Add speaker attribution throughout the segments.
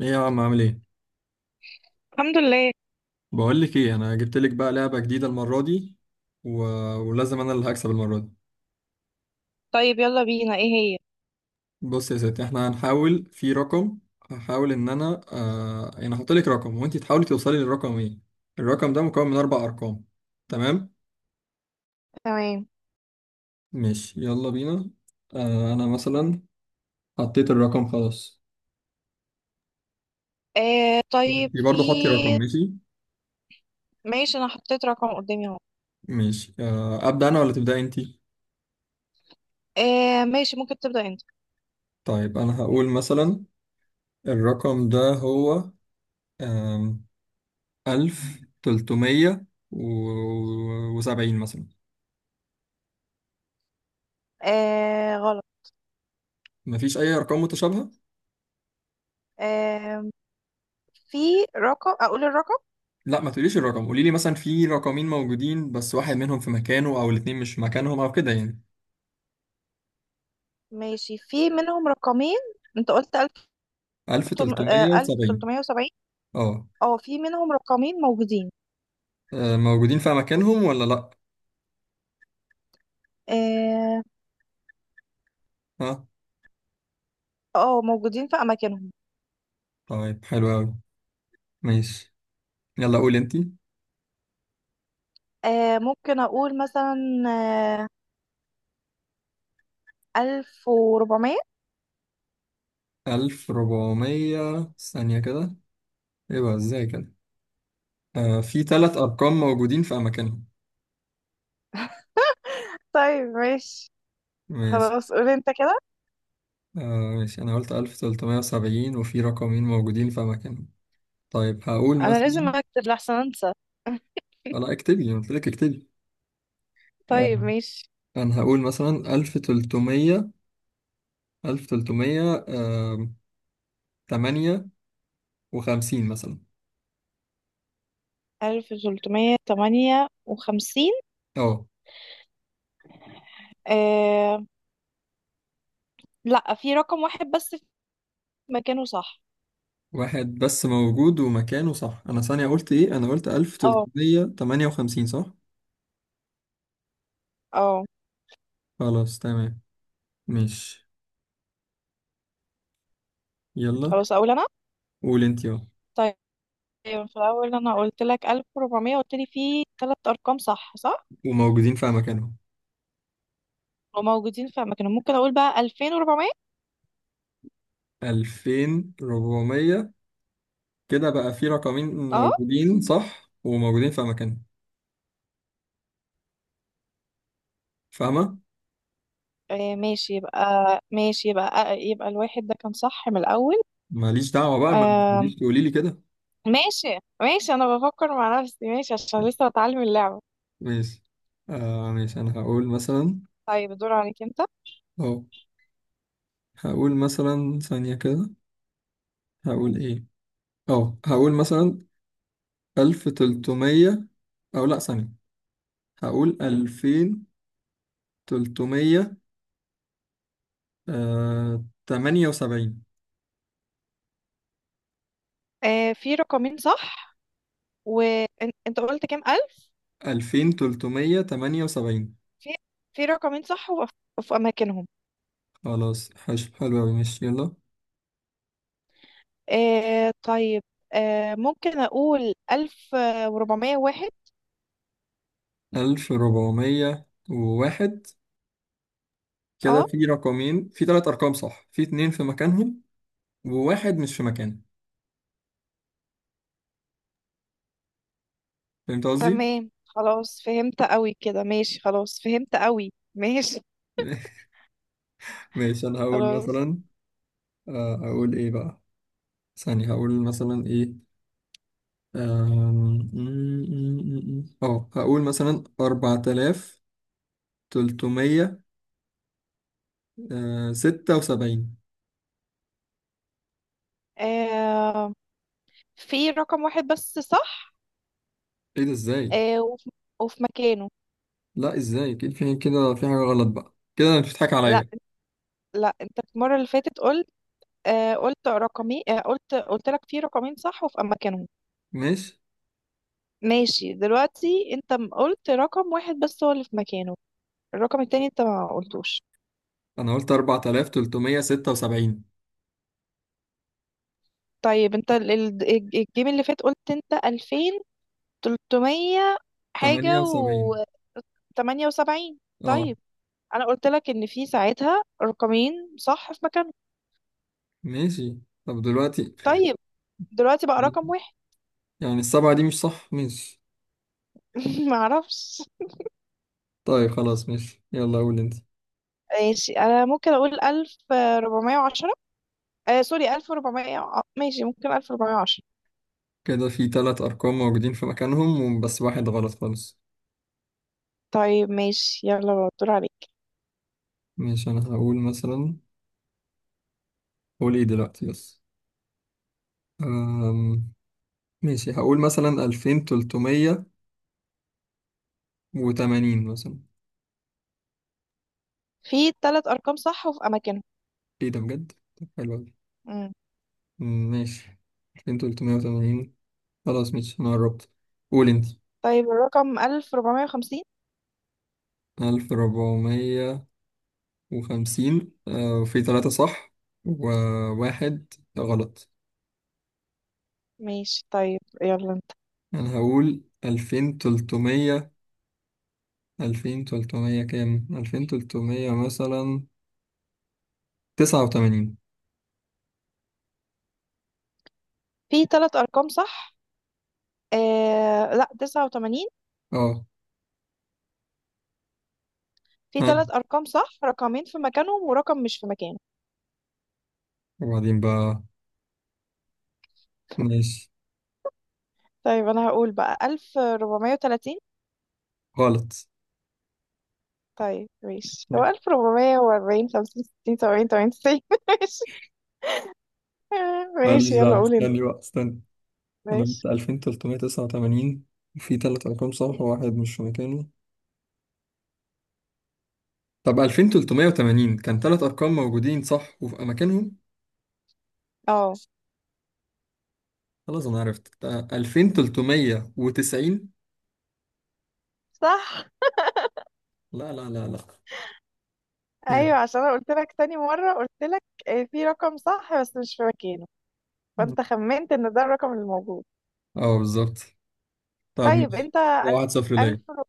Speaker 1: ايه يا عم، عامل ايه؟
Speaker 2: الحمد لله.
Speaker 1: بقول لك ايه، انا جبت لك بقى لعبه جديده المره دي و... ولازم انا اللي هكسب المره دي.
Speaker 2: طيب، يلا بينا. ايه هي؟
Speaker 1: بص يا ستي، احنا هنحاول في رقم. هحاول ان انا يعني هحط لك رقم وانت تحاولي توصلي للرقم ايه. الرقم ده مكون من اربع ارقام، تمام؟
Speaker 2: تمام.
Speaker 1: ماشي يلا بينا. انا مثلا حطيت الرقم خلاص.
Speaker 2: آه، طيب.
Speaker 1: انت برضه حطي رقم،
Speaker 2: في؟
Speaker 1: ماشي.
Speaker 2: ماشي، انا حطيت رقم قدامي اهو.
Speaker 1: ماشي، ابدا انا ولا تبداي انت؟
Speaker 2: آه، ماشي، ممكن تبدأ انت.
Speaker 1: طيب انا هقول مثلا الرقم ده هو ألف تلتمية وسبعين مثلا.
Speaker 2: آه، غلط.
Speaker 1: مفيش أي أرقام متشابهة؟
Speaker 2: آه، في. رقم اقول الرقم؟
Speaker 1: لا، ما تقوليش الرقم، قولي لي مثلا في رقمين موجودين بس واحد منهم في مكانه أو الاتنين مش في مكانهم أو كده يعني.
Speaker 2: ماشي، في منهم رقمين. انت قلت
Speaker 1: ألف
Speaker 2: 1370،
Speaker 1: تلتمية
Speaker 2: اه، ألف
Speaker 1: وسبعين.
Speaker 2: وتلتمية وسبعين.
Speaker 1: أه.
Speaker 2: اه، في منهم رقمين موجودين.
Speaker 1: آه، موجودين في مكانهم ولا لأ؟
Speaker 2: اه.
Speaker 1: ها.
Speaker 2: آه، موجودين في اماكنهم.
Speaker 1: طيب حلو أوي، ماشي، يلا قولي أنتي.
Speaker 2: آه، ممكن اقول مثلا، آه، 1400.
Speaker 1: ألف ربعمية ثانية كده، إيه بقى إزاي كده؟ آه في تلات أرقام موجودين في أماكنهم.
Speaker 2: طيب، ماشي،
Speaker 1: ماشي.
Speaker 2: خلاص قول انت كده.
Speaker 1: آه ماشي، أنا قلت 1370 وفي رقمين موجودين في مكانهم. طيب هقول
Speaker 2: انا لازم
Speaker 1: مثلا.
Speaker 2: اكتب لحسن انسى.
Speaker 1: أنا اكتبي، أنا قلت لك اكتبي. آه،
Speaker 2: طيب، ماشي.
Speaker 1: أنا هقول مثلا 1300، 1300 تمانية وخمسين مثلا.
Speaker 2: 1358.
Speaker 1: أه
Speaker 2: آه... لا، في رقم واحد بس في مكانه صح.
Speaker 1: واحد بس موجود ومكانه صح، أنا ثانية قلت إيه؟ أنا قلت
Speaker 2: اه،
Speaker 1: 1358 صح.
Speaker 2: اه.
Speaker 1: خلاص تمام، ماشي يلا.
Speaker 2: خلاص اقول انا.
Speaker 1: قول أنت، أه.
Speaker 2: طيب، في الاول انا قلت لك 1400، قلت لي في ثلاث ارقام صح، صح
Speaker 1: وموجودين في مكانهم.
Speaker 2: وموجودين في اماكنهم. ممكن اقول بقى 2400.
Speaker 1: 2400، كده بقى في رقمين
Speaker 2: اه.
Speaker 1: موجودين صح وموجودين في اماكنهم، فاهمه؟
Speaker 2: آه، ماشي يبقى، ماشي يبقى، آه، يبقى الواحد ده كان صح من الاول.
Speaker 1: ماليش دعوه بقى، ما
Speaker 2: آه...
Speaker 1: تقوليش، تقولي لي كده.
Speaker 2: ماشي، ماشي، انا بفكر مع نفسي، ماشي، عشان لسه بتعلم اللعبة.
Speaker 1: ماشي، آه ماشي، انا هقول مثلا.
Speaker 2: طيب، الدور عليك انت.
Speaker 1: اه هقول مثلا ثانيه كده، هقول ايه؟ اه هقول مثلا 1300، او لا، ثانيه، هقول 2378.
Speaker 2: آه، في رقمين صح. وانت قلت كام ألف؟
Speaker 1: 2378،
Speaker 2: في في رقمين صح، وفي، في أماكنهم.
Speaker 1: خلاص، حلو أوي، ماشي يلا.
Speaker 2: آه، طيب. آه، ممكن أقول 1401.
Speaker 1: 1401، كده
Speaker 2: اه،
Speaker 1: في رقمين، في ثلاث ارقام صح، في اتنين في مكانهم وواحد مش في مكانه، فهمت قصدي؟
Speaker 2: تمام، خلاص فهمت قوي كده، ماشي، خلاص فهمت قوي. ماشي.
Speaker 1: ماشي انا هقول
Speaker 2: خلاص.
Speaker 1: مثلا. آه، هقول ايه بقى؟ ثانية هقول مثلا ايه. آم، م- م- م- م. اه هقول مثلا 4376.
Speaker 2: آه، في رقم واحد بس صح.
Speaker 1: ايه ده، ازاي؟
Speaker 2: آه، وفي مكانه.
Speaker 1: لا ازاي كده، في كده، في حاجة غلط بقى كده، انت بتضحك
Speaker 2: لا،
Speaker 1: عليا.
Speaker 2: لا، انت المرة اللي فاتت قلت، آه، قلت رقمي، آه، قلت لك في رقمين صح وفي أماكنهم.
Speaker 1: ماشي،
Speaker 2: ماشي، دلوقتي انت قلت رقم واحد بس هو اللي في مكانه. الرقم التاني انت ما قلتوش.
Speaker 1: انا قلت 4376
Speaker 2: طيب، انت الجيم اللي فات، قلت انت ألفين تلتمية حاجة
Speaker 1: 78.
Speaker 2: وتمانية وسبعين.
Speaker 1: اه
Speaker 2: طيب، انا قلت لك ان في ساعتها رقمين صح في مكانهم.
Speaker 1: ماشي، طب دلوقتي؟
Speaker 2: طيب، دلوقتي بقى رقم واحد.
Speaker 1: يعني السبعة دي مش صح، ماشي.
Speaker 2: معرفش.
Speaker 1: طيب خلاص، ماشي، يلا قول انت.
Speaker 2: ماشي، انا ممكن اقول 1410، آه سوري، 1400، ماشي ممكن 1410.
Speaker 1: كده في تلات أرقام موجودين في مكانهم بس واحد غلط خالص.
Speaker 2: طيب، ماشي، يلا بقى، الدور عليك.
Speaker 1: ماشي، أنا هقول مثلا. قول ايه دلوقتي بس. أم... ماشي هقول مثلا ألفين تلتمية وتمانين مثلا.
Speaker 2: في تلات أرقام صح وفي أماكنهم.
Speaker 1: ايه ده بجد؟ طب حلو أوي.
Speaker 2: مم.
Speaker 1: أم، ماشي، ألفين تلتمية وتمانين. خلاص ماشي أنا قربت. قول انت.
Speaker 2: طيب، الرقم 1450.
Speaker 1: ألف ربعمية وخمسين، آه، وفي تلاتة صح وواحد غلط.
Speaker 2: ماشي، طيب، يلا انت.
Speaker 1: انا هقول 2300. 2300 كام؟ 2300 مثلا 89.
Speaker 2: في ثلاث أرقام صح. لا، 89.
Speaker 1: اه.
Speaker 2: في ثلاث
Speaker 1: ها،
Speaker 2: أرقام صح، رقمين في مكانهم ورقم مش في مكانه.
Speaker 1: وبعدين بقى؟ ماشي.
Speaker 2: طيب، أنا هقول بقى 1430.
Speaker 1: غلط.
Speaker 2: طيب، ماشي، هو 1440، 50، 60، 70، 80، 90. ماشي.
Speaker 1: ماليش
Speaker 2: ماشي، يلا
Speaker 1: دعوة،
Speaker 2: قول انت.
Speaker 1: استني بقى، استني. انا
Speaker 2: ماشي،
Speaker 1: قلت 2389 وفي تلات ارقام صح وواحد مش في مكانه. طب 2380 كان تلات ارقام موجودين صح وفي اماكنهم.
Speaker 2: اه،
Speaker 1: خلاص انا عرفت، ده 2390.
Speaker 2: صح،
Speaker 1: لا لا لا لا. إيه؟
Speaker 2: ايوه، عشان انا قلت لك تاني مرة، قلت لك، آه، في رقم صح بس مش في مكانه. فانت خمنت ان ده الرقم الموجود.
Speaker 1: اه بالظبط. طب
Speaker 2: طيب،
Speaker 1: ماشي،
Speaker 2: انت
Speaker 1: واحد صفر ليا.
Speaker 2: ألف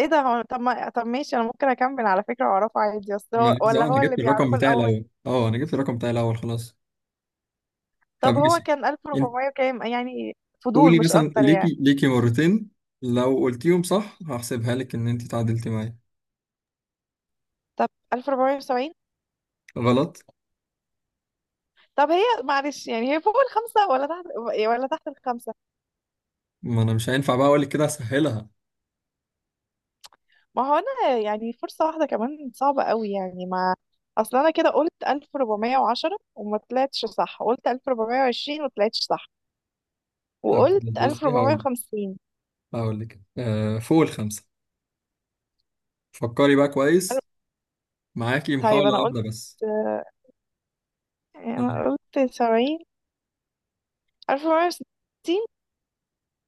Speaker 2: ايه ده هو، طب ما طب، ماشي، انا ممكن اكمل على فكرة واعرفه عادي، اصل هو
Speaker 1: ماليش،
Speaker 2: ولا
Speaker 1: اه انا
Speaker 2: هو اللي
Speaker 1: جبت الرقم
Speaker 2: بيعرفه
Speaker 1: بتاعي
Speaker 2: الاول؟
Speaker 1: الاول، اه انا جبت الرقم بتاعي الاول، خلاص. طب
Speaker 2: طب هو
Speaker 1: ماشي،
Speaker 2: كان
Speaker 1: انت
Speaker 2: 1400 وكام؟ يعني فضول
Speaker 1: قولي
Speaker 2: مش
Speaker 1: مثلا،
Speaker 2: اكتر يعني.
Speaker 1: ليكي ليكي مرتين، لو قلتيهم صح هحسبها لك ان انت تعادلتي معايا.
Speaker 2: طب، 1470.
Speaker 1: غلط.
Speaker 2: طب، هي معلش يعني، هي فوق الخمسة ولا تحت، ولا تحت الخمسة؟
Speaker 1: ما انا مش هينفع بقى اقول لك كده، اسهلها.
Speaker 2: ما هو انا يعني فرصة واحدة كمان صعبة قوي يعني، ما اصل انا كده قلت 1410 وما طلعتش صح، قلت 1420 وما طلعتش صح،
Speaker 1: طب،
Speaker 2: وقلت
Speaker 1: بصي هقول لك،
Speaker 2: 1450.
Speaker 1: هقول لك آه فوق الخمسه. فكري بقى كويس، معاكي
Speaker 2: طيب،
Speaker 1: محاوله واحده بس. آه.
Speaker 2: انا قلت سبعين، 1460.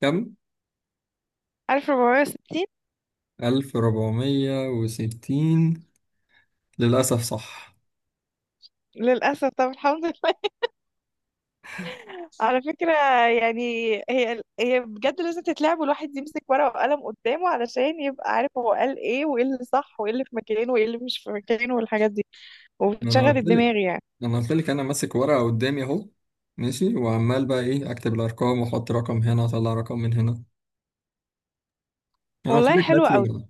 Speaker 1: كم؟
Speaker 2: 1460.
Speaker 1: 1460. للاسف صح.
Speaker 2: للأسف. طب، الحمد لله. على فكرة، يعني، هي هي بجد لازم تتلعب، والواحد يمسك ورقة وقلم قدامه علشان يبقى عارف هو قال ايه، وايه اللي صح، وايه اللي في مكانه، وايه اللي مش في مكانه، والحاجات دي.
Speaker 1: ما انا
Speaker 2: وبتشغل
Speaker 1: قلت لك،
Speaker 2: الدماغ يعني.
Speaker 1: ما انا قلت لك انا ماسك ورقه قدامي اهو. ماشي، وعمال بقى ايه، اكتب الارقام واحط رقم هنا، اطلع رقم من هنا. انا قلت
Speaker 2: والله،
Speaker 1: لك
Speaker 2: حلوة
Speaker 1: هاتي
Speaker 2: قوي.
Speaker 1: ورقه.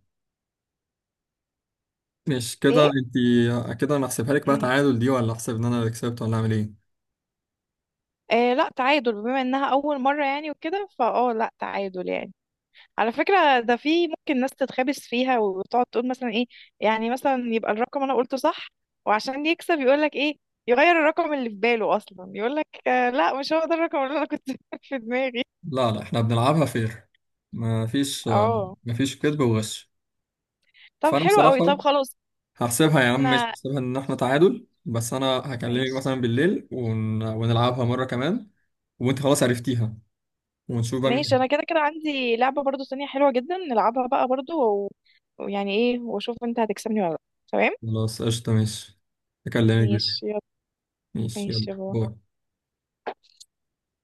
Speaker 1: مش كده
Speaker 2: ايه؟
Speaker 1: انت؟ كده انا احسبها لك بقى
Speaker 2: مم.
Speaker 1: تعادل دي، ولا احسب ان انا اللي كسبت، ولا اعمل ايه؟
Speaker 2: آه، لا، تعادل، بما انها أول مرة يعني وكده، فاه، لا تعادل يعني. على فكرة، ده في ممكن ناس تتخابس فيها وتقعد تقول مثلا ايه، يعني مثلا يبقى الرقم انا قلته صح، وعشان يكسب يقول لك ايه، يغير الرقم اللي في باله اصلا، يقول لك آه لا، مش هو ده الرقم اللي انا كنت في دماغي.
Speaker 1: لا لا، احنا بنلعبها فير، ما فيش،
Speaker 2: اه،
Speaker 1: ما فيش كذب وغش.
Speaker 2: طب،
Speaker 1: فانا
Speaker 2: حلو قوي، طب،
Speaker 1: بصراحه
Speaker 2: خلاص.
Speaker 1: هحسبها يا عم، مش
Speaker 2: احنا.
Speaker 1: هحسبها ان احنا تعادل، بس انا هكلمك
Speaker 2: ماشي.
Speaker 1: مثلا بالليل ونلعبها مره كمان وانت خلاص عرفتيها، ونشوف بقى
Speaker 2: ماشي، انا
Speaker 1: مين.
Speaker 2: كده كده عندي لعبة برضو تانية حلوة جدا نلعبها بقى برضو، ويعني ايه، واشوف انت هتكسبني ولا لا. تمام.
Speaker 1: خلاص قشطة، ماشي، أكلمك بالليل،
Speaker 2: ماشي، يلا.
Speaker 1: ماشي يلا
Speaker 2: ماشي، يلا.
Speaker 1: باي.